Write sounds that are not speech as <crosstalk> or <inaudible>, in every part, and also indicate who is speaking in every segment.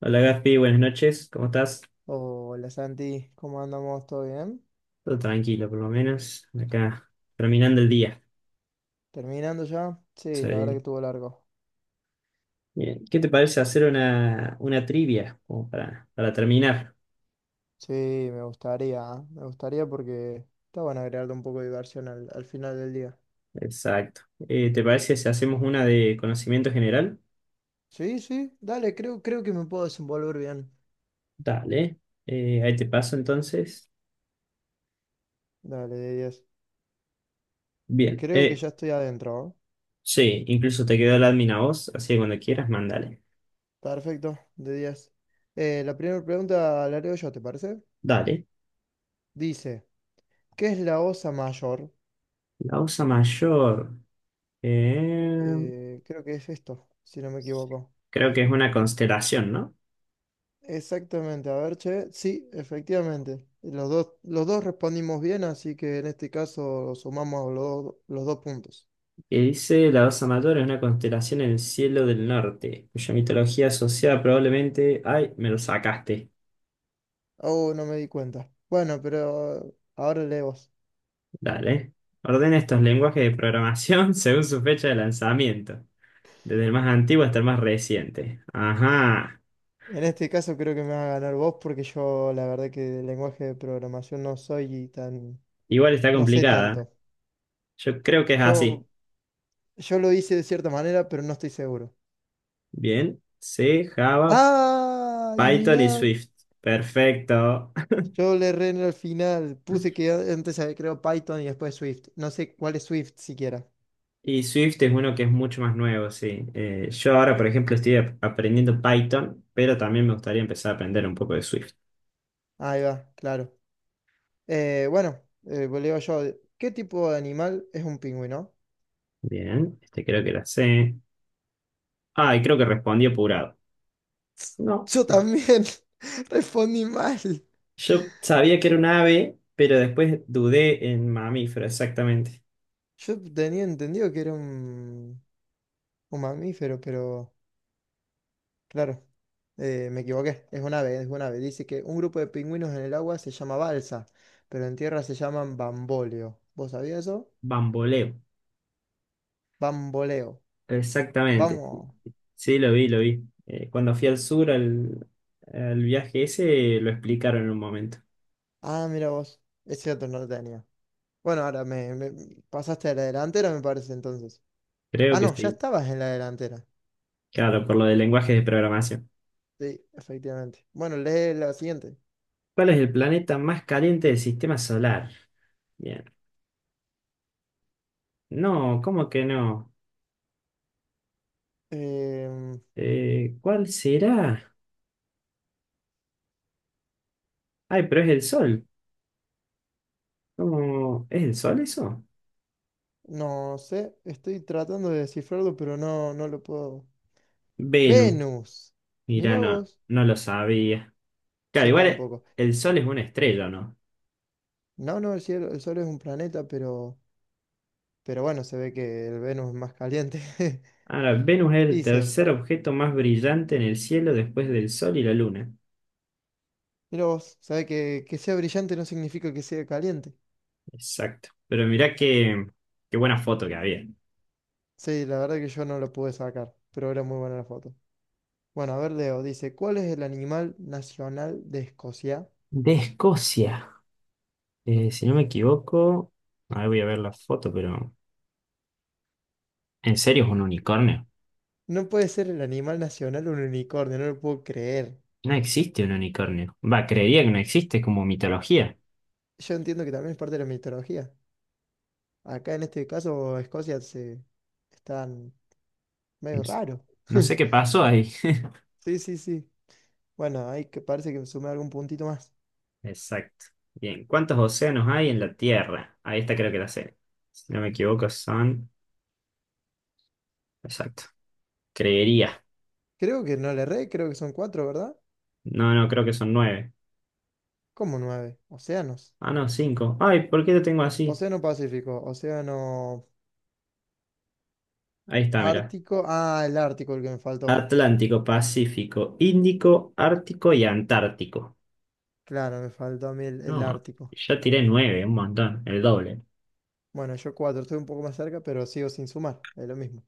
Speaker 1: Hola Gaspi, buenas noches, ¿cómo estás?
Speaker 2: Hola Santi, ¿cómo andamos? ¿Todo bien?
Speaker 1: Todo tranquilo, por lo menos. Acá, terminando el día.
Speaker 2: ¿Terminando ya? Sí, la verdad que
Speaker 1: Soy-
Speaker 2: estuvo largo.
Speaker 1: Bien. ¿Qué te parece hacer una trivia como para terminar?
Speaker 2: Sí, me gustaría, ¿eh? Me gustaría porque está bueno agregarle un poco de diversión al final del día.
Speaker 1: Exacto. ¿Te parece si hacemos una de conocimiento general?
Speaker 2: Sí, sí, dale, creo que me puedo desenvolver bien.
Speaker 1: Dale. Ahí te paso entonces.
Speaker 2: Dale, de 10.
Speaker 1: Bien.
Speaker 2: Creo que ya estoy adentro, ¿eh?
Speaker 1: Sí, incluso te quedó el admin a vos, así que cuando quieras, mándale.
Speaker 2: Perfecto, de 10. La primera pregunta la leo yo, ¿te parece?
Speaker 1: Dale.
Speaker 2: Dice, ¿qué es la Osa Mayor?
Speaker 1: La osa mayor. eh,
Speaker 2: Creo que es esto, si no me equivoco.
Speaker 1: creo que es una constelación, ¿no?
Speaker 2: Exactamente, a ver, che, sí, efectivamente. Los dos respondimos bien, así que en este caso sumamos los dos puntos.
Speaker 1: Que dice la Osa Mayor es una constelación en el cielo del norte, cuya mitología asociada probablemente... ¡Ay, me lo sacaste!
Speaker 2: Oh, no me di cuenta. Bueno, pero ahora lee vos.
Speaker 1: Dale. Ordena estos lenguajes de programación <laughs> según su fecha de lanzamiento, desde el más antiguo hasta el más reciente. Ajá.
Speaker 2: En este caso creo que me va a ganar vos porque yo la verdad que de lenguaje de programación
Speaker 1: Igual está
Speaker 2: no sé
Speaker 1: complicada.
Speaker 2: tanto.
Speaker 1: Yo creo que es así.
Speaker 2: Yo, yo lo hice de cierta manera, pero no estoy seguro.
Speaker 1: Bien. C, Java,
Speaker 2: ¡Ay,
Speaker 1: Python y
Speaker 2: mirá!
Speaker 1: Swift. Perfecto.
Speaker 2: Yo le erré en el final.
Speaker 1: <laughs>
Speaker 2: Puse que antes había creado Python y después Swift. No sé cuál es Swift siquiera.
Speaker 1: Y Swift es uno que es mucho más nuevo, sí. Yo ahora, por ejemplo, estoy aprendiendo Python, pero también me gustaría empezar a aprender un poco de Swift.
Speaker 2: Ahí va, claro. Bueno, pues le digo yo, ¿qué tipo de animal es un pingüino?
Speaker 1: Bien, este creo que la sé. Ah, y creo que respondí apurado. No,
Speaker 2: Yo también <laughs> respondí mal.
Speaker 1: yo sabía que era un ave, pero después dudé en mamífero, exactamente.
Speaker 2: Yo tenía entendido que era un mamífero, pero claro, me equivoqué. Es un ave. Dice que un grupo de pingüinos en el agua se llama balsa, pero en tierra se llaman bamboleo. ¿Vos sabías eso?
Speaker 1: Bamboleo,
Speaker 2: Bamboleo.
Speaker 1: exactamente. Sí,
Speaker 2: Vamos.
Speaker 1: sí, lo vi, lo vi. Cuando fui al sur, al viaje ese, lo explicaron en un momento.
Speaker 2: Ah, mira vos. Es cierto, no lo tenía. Bueno, ahora me pasaste a la delantera, me parece entonces.
Speaker 1: Creo
Speaker 2: Ah,
Speaker 1: que
Speaker 2: no, ya
Speaker 1: sí.
Speaker 2: estabas en la delantera.
Speaker 1: Claro, por lo del lenguaje de programación.
Speaker 2: Sí, efectivamente. Bueno, lee la siguiente.
Speaker 1: ¿Cuál es el planeta más caliente del sistema solar? Bien. No, ¿cómo que no?
Speaker 2: Em,
Speaker 1: ¿Cuál será? Ay, pero es el Sol. ¿Cómo? ¿Es el Sol eso?
Speaker 2: no sé, estoy tratando de descifrarlo, pero no lo puedo.
Speaker 1: Venus.
Speaker 2: Venus.
Speaker 1: Mira,
Speaker 2: Mira
Speaker 1: no,
Speaker 2: vos.
Speaker 1: no lo sabía. Claro,
Speaker 2: Yo
Speaker 1: igual
Speaker 2: tampoco.
Speaker 1: el Sol es una estrella, ¿no?
Speaker 2: No, no, el Sol es un planeta, pero bueno, se ve que el Venus es más caliente. <laughs>
Speaker 1: Ahora, Venus es el
Speaker 2: Dice,
Speaker 1: tercer objeto más brillante en el cielo después del Sol y la Luna.
Speaker 2: mira vos, sabe que sea brillante no significa que sea caliente.
Speaker 1: Exacto. Pero mirá qué buena foto que había.
Speaker 2: Sí, la verdad que yo no lo pude sacar, pero era muy buena la foto. Bueno, a ver, Leo, dice, ¿cuál es el animal nacional de Escocia?
Speaker 1: De Escocia. Si no me equivoco, ahora voy a ver la foto, pero... ¿En serio es un unicornio?
Speaker 2: No puede ser el animal nacional un unicornio, no lo puedo creer.
Speaker 1: No existe un unicornio. Va, creería que no existe, es como mitología.
Speaker 2: Yo entiendo que también es parte de la mitología. Acá en este caso, Escocia se están
Speaker 1: No
Speaker 2: medio
Speaker 1: s-
Speaker 2: raro.
Speaker 1: no
Speaker 2: <laughs>
Speaker 1: sé qué pasó ahí. <laughs>
Speaker 2: Sí, sí, sí. Bueno, ahí que parece que me sumé algún puntito más.
Speaker 1: Exacto. Bien, ¿cuántos océanos hay en la Tierra? Ahí está, creo que la sé. Si no me equivoco, son... Exacto. Creería.
Speaker 2: Creo que no le erré, creo que son cuatro, ¿verdad?
Speaker 1: No, no, creo que son nueve.
Speaker 2: Como nueve. Océanos.
Speaker 1: Ah, no, cinco. Ay, ¿por qué lo tengo así?
Speaker 2: Océano Pacífico, Océano
Speaker 1: Ahí está, mira.
Speaker 2: Ártico. Ah, el Ártico, el que me faltó.
Speaker 1: Atlántico, Pacífico, Índico, Ártico y Antártico.
Speaker 2: Claro, me faltó a mí el
Speaker 1: No,
Speaker 2: Ártico.
Speaker 1: yo tiré nueve, un montón, el doble.
Speaker 2: Bueno, yo cuatro, estoy un poco más cerca, pero sigo sin sumar. Es lo mismo.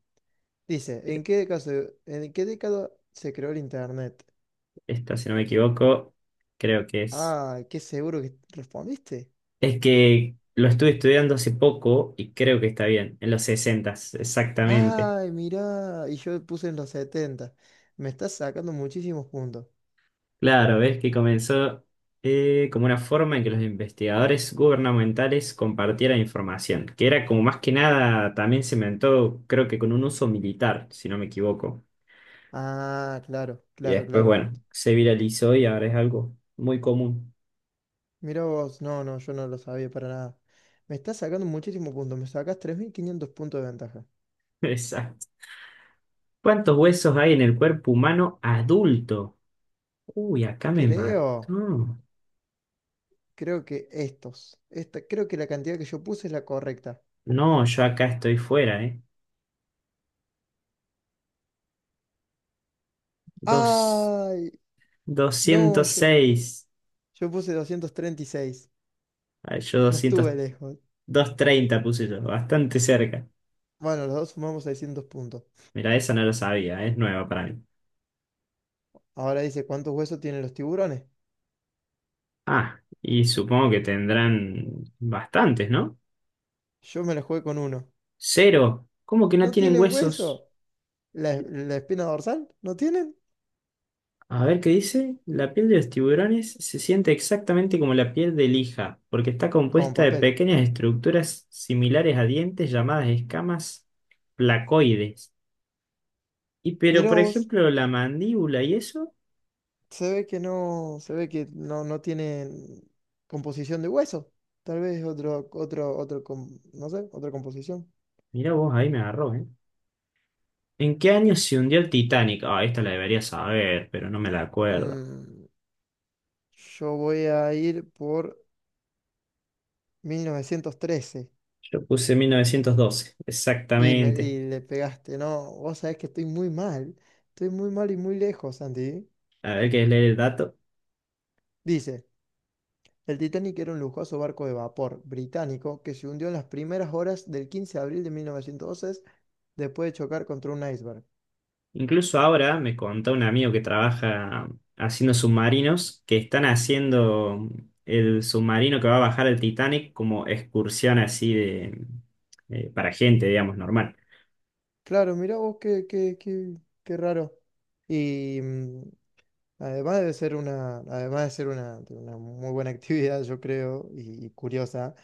Speaker 2: Dice, ¿en qué década se creó el Internet?
Speaker 1: Esta, si no me equivoco, creo que es.
Speaker 2: Ah, qué seguro que respondiste.
Speaker 1: Es que lo estuve estudiando hace poco y creo que está bien, en los sesentas exactamente.
Speaker 2: Ay, mirá, y yo puse en los 70. Me estás sacando muchísimos puntos.
Speaker 1: Claro, ves que comenzó como una forma en que los investigadores gubernamentales compartieran información, que era como más que nada, también se inventó, creo que con un uso militar, si no me equivoco.
Speaker 2: Ah, claro,
Speaker 1: Y
Speaker 2: claro,
Speaker 1: después,
Speaker 2: claro.
Speaker 1: bueno, se viralizó y ahora es algo muy común.
Speaker 2: Mira vos, no, no, yo no lo sabía para nada. Me estás sacando muchísimos puntos, me sacas 3.500 puntos de ventaja.
Speaker 1: <laughs> Exacto. ¿Cuántos huesos hay en el cuerpo humano adulto? Uy, acá me mató.
Speaker 2: Creo, creo que la cantidad que yo puse es la correcta.
Speaker 1: No, yo acá estoy fuera, ¿eh? Dos,
Speaker 2: Ay, no, yo,
Speaker 1: 206.
Speaker 2: yo puse 236.
Speaker 1: Ay, yo
Speaker 2: No
Speaker 1: 200,
Speaker 2: estuve lejos.
Speaker 1: treinta puse yo, bastante cerca.
Speaker 2: Bueno, los dos sumamos 600 puntos.
Speaker 1: Mira, esa no lo sabía, es nueva para mí.
Speaker 2: Ahora dice, ¿cuántos huesos tienen los tiburones?
Speaker 1: Ah, y supongo que tendrán bastantes, ¿no?
Speaker 2: Yo me la jugué con uno.
Speaker 1: Cero. ¿Cómo que no
Speaker 2: ¿No
Speaker 1: tienen
Speaker 2: tienen
Speaker 1: huesos?
Speaker 2: hueso? ¿La espina dorsal? ¿No tienen?
Speaker 1: A ver qué dice. La piel de los tiburones se siente exactamente como la piel de lija, porque está
Speaker 2: Con
Speaker 1: compuesta de
Speaker 2: papel.
Speaker 1: pequeñas estructuras similares a dientes llamadas escamas placoides. Y pero,
Speaker 2: Mirá
Speaker 1: por
Speaker 2: vos,
Speaker 1: ejemplo, la mandíbula y eso,
Speaker 2: se ve que no, no tienen composición de hueso. Tal vez otro, no sé, otra composición.
Speaker 1: mira vos, ahí me agarró, ¿eh? ¿En qué año se hundió el Titanic? Ah, esta la debería saber, pero no me la acuerdo.
Speaker 2: Mm, yo voy a ir por 1913.
Speaker 1: Yo puse 1912,
Speaker 2: Y, me,
Speaker 1: exactamente.
Speaker 2: y le pegaste, ¿no? Vos sabés que estoy muy mal. Estoy muy mal y muy lejos, Andy.
Speaker 1: A ver, ¿qué es leer el dato?
Speaker 2: Dice, el Titanic era un lujoso barco de vapor británico que se hundió en las primeras horas del 15 de abril de 1912 después de chocar contra un iceberg.
Speaker 1: Incluso ahora me contó un amigo que trabaja haciendo submarinos que están haciendo el submarino que va a bajar el Titanic como excursión así de para gente, digamos, normal.
Speaker 2: Claro, mirá vos qué raro. Y además además de ser una, de una muy buena <laughs> actividad, yo creo, y curiosa,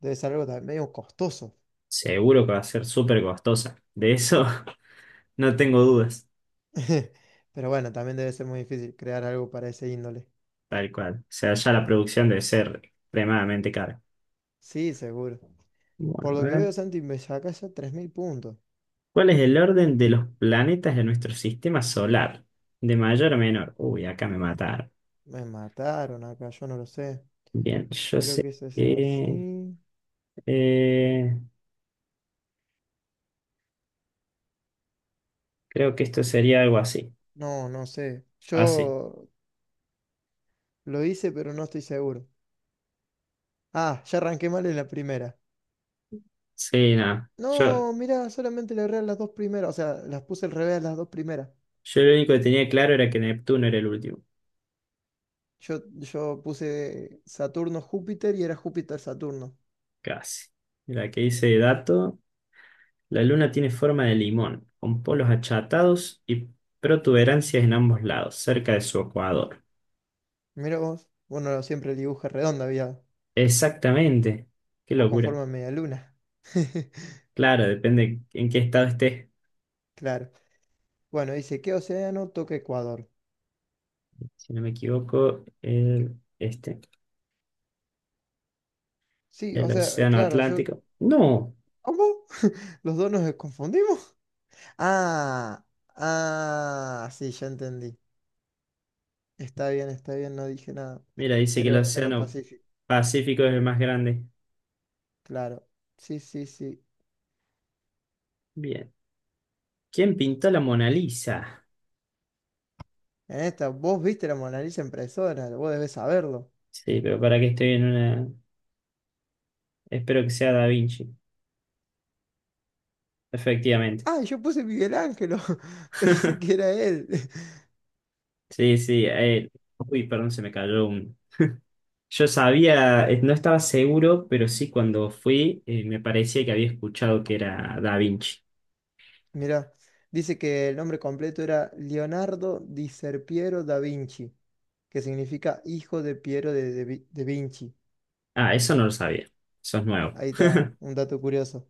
Speaker 2: debe ser algo también medio costoso.
Speaker 1: Seguro que va a ser súper costosa. De eso <laughs> no tengo dudas.
Speaker 2: <laughs> Pero bueno, también debe ser muy difícil crear algo para ese índole.
Speaker 1: Tal cual. O sea, ya la producción debe ser extremadamente cara.
Speaker 2: Sí, seguro. Por
Speaker 1: Bueno, a
Speaker 2: lo que
Speaker 1: ver.
Speaker 2: veo, Santi, me sacás ya 3.000 puntos.
Speaker 1: ¿Cuál es el orden de los planetas de nuestro sistema solar? De mayor a menor. Uy, acá me mataron.
Speaker 2: Me mataron acá, yo no lo sé.
Speaker 1: Bien, yo
Speaker 2: Creo
Speaker 1: sé
Speaker 2: que eso es
Speaker 1: que...
Speaker 2: así.
Speaker 1: eh, creo que esto sería algo así.
Speaker 2: No, no sé.
Speaker 1: Así.
Speaker 2: Yo lo hice, pero no estoy seguro. Ah, ya arranqué mal en la primera.
Speaker 1: Sí, nada.
Speaker 2: No, mirá, solamente le erré a las dos primeras. O sea, las puse al revés a las dos primeras.
Speaker 1: Yo lo único que tenía claro era que Neptuno era el último.
Speaker 2: Yo puse Saturno-Júpiter y era Júpiter-Saturno.
Speaker 1: Casi. Mira, que dice dato. La luna tiene forma de limón, con polos achatados y protuberancias en ambos lados, cerca de su ecuador.
Speaker 2: Mira vos. Bueno, siempre el dibujo es redondo había.
Speaker 1: Exactamente. Qué
Speaker 2: O con
Speaker 1: locura.
Speaker 2: forma de media luna. <laughs>
Speaker 1: Claro, depende en qué estado estés.
Speaker 2: Claro. Bueno, dice, ¿qué océano toca Ecuador?
Speaker 1: Si no me equivoco,
Speaker 2: Sí, o
Speaker 1: el
Speaker 2: sea,
Speaker 1: Océano
Speaker 2: claro, yo...
Speaker 1: Atlántico. No.
Speaker 2: ¿Cómo? <laughs> ¿Los dos nos confundimos? Ah, ah, sí, ya entendí. Está bien, no dije nada.
Speaker 1: Mira, dice que
Speaker 2: Era
Speaker 1: el
Speaker 2: el Océano
Speaker 1: Océano
Speaker 2: Pacífico,
Speaker 1: Pacífico es el más grande.
Speaker 2: claro. Sí, sí, sí.
Speaker 1: Bien. ¿Quién pintó la Mona Lisa?
Speaker 2: En esta, vos viste la Mona Lisa en persona, vos debés saberlo.
Speaker 1: Sí, pero para que estoy en una... Espero que sea Da Vinci. Efectivamente.
Speaker 2: Ah, yo puse Miguel Ángelo, <laughs> pensé que
Speaker 1: <laughs>
Speaker 2: era él. <laughs>
Speaker 1: Sí, sí. Uy, perdón, se me cayó un... Yo sabía, no estaba seguro, pero sí cuando fui me parecía que había escuchado que era Da Vinci.
Speaker 2: Mirá, dice que el nombre completo era Leonardo di Serpiero da Vinci, que significa hijo de Piero de de Vinci.
Speaker 1: Ah, eso no lo sabía. Eso es nuevo.
Speaker 2: Ahí está, un dato curioso.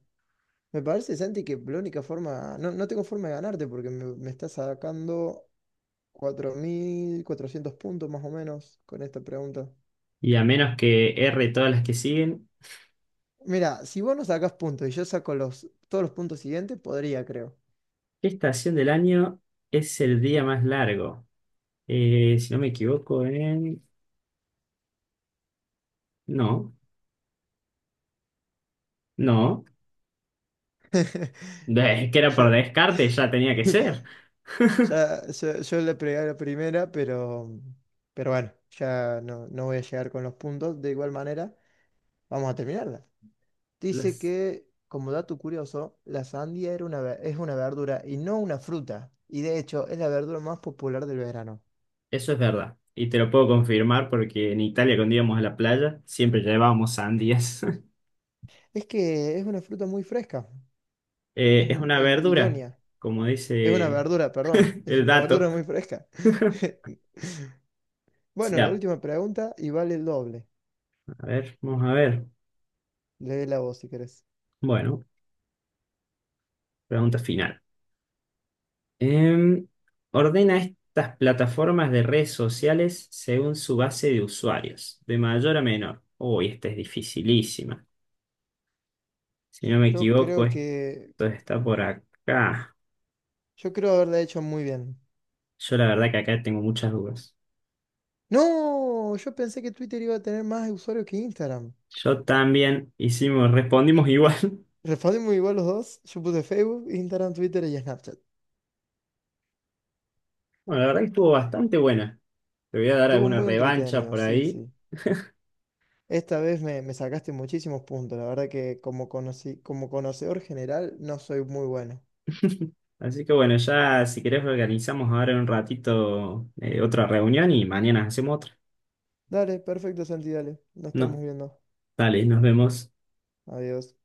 Speaker 2: Me parece, Santi, que la única forma, no, no tengo forma de ganarte porque me estás sacando 4.400 puntos más o menos con esta pregunta.
Speaker 1: Y a menos que erre todas las que siguen,
Speaker 2: Mira, si vos no sacás puntos y yo saco todos los puntos siguientes, podría, creo.
Speaker 1: ¿qué estación del año es el día más largo? Si no me equivoco, en... No, no.
Speaker 2: <laughs>
Speaker 1: Es que era por
Speaker 2: Yo,
Speaker 1: descarte, ya tenía que ser. <laughs>
Speaker 2: yo le pegué a la primera, pero bueno, ya no, no voy a llegar con los puntos. De igual manera, vamos a terminarla. Dice
Speaker 1: Las-
Speaker 2: que, como dato curioso, la sandía es una verdura y no una fruta. Y de hecho, es la verdura más popular del verano.
Speaker 1: Eso es verdad. Y te lo puedo confirmar porque en Italia cuando íbamos a la playa siempre llevábamos sandías. <laughs>
Speaker 2: Es que es una fruta muy fresca. Es
Speaker 1: Es una verdura,
Speaker 2: idónea.
Speaker 1: como
Speaker 2: Es una
Speaker 1: dice
Speaker 2: verdura, perdón. Es
Speaker 1: el
Speaker 2: una verdura
Speaker 1: dato.
Speaker 2: muy fresca.
Speaker 1: <laughs>
Speaker 2: <laughs> Bueno,
Speaker 1: Sí,
Speaker 2: la última pregunta y vale el doble.
Speaker 1: a ver, vamos a ver.
Speaker 2: Léela vos si querés.
Speaker 1: Bueno, pregunta final. Em, ordena estas plataformas de redes sociales según su base de usuarios, de mayor a menor. Uy, esta es dificilísima. Si no me
Speaker 2: Yo
Speaker 1: equivoco,
Speaker 2: creo
Speaker 1: esto
Speaker 2: que.
Speaker 1: está por acá.
Speaker 2: Yo creo haberla hecho muy bien.
Speaker 1: Yo la verdad que acá tengo muchas dudas.
Speaker 2: ¡No! Yo pensé que Twitter iba a tener más usuarios que Instagram.
Speaker 1: Yo también hicimos, respondimos igual. <laughs>
Speaker 2: Respondimos igual los dos. Yo puse Facebook, Instagram, Twitter y Snapchat.
Speaker 1: Bueno, la verdad que estuvo bastante buena. Te voy a dar
Speaker 2: Estuvo
Speaker 1: alguna
Speaker 2: muy
Speaker 1: revancha
Speaker 2: entretenido,
Speaker 1: por
Speaker 2: sí,
Speaker 1: ahí.
Speaker 2: sí. Esta vez me sacaste muchísimos puntos. La verdad que como conocedor general no soy muy bueno.
Speaker 1: Así que bueno, ya si querés organizamos ahora en un ratito otra reunión y mañana hacemos otra.
Speaker 2: Dale, perfecto, Santi, dale. Nos estamos
Speaker 1: No,
Speaker 2: viendo.
Speaker 1: dale, nos vemos.
Speaker 2: Adiós.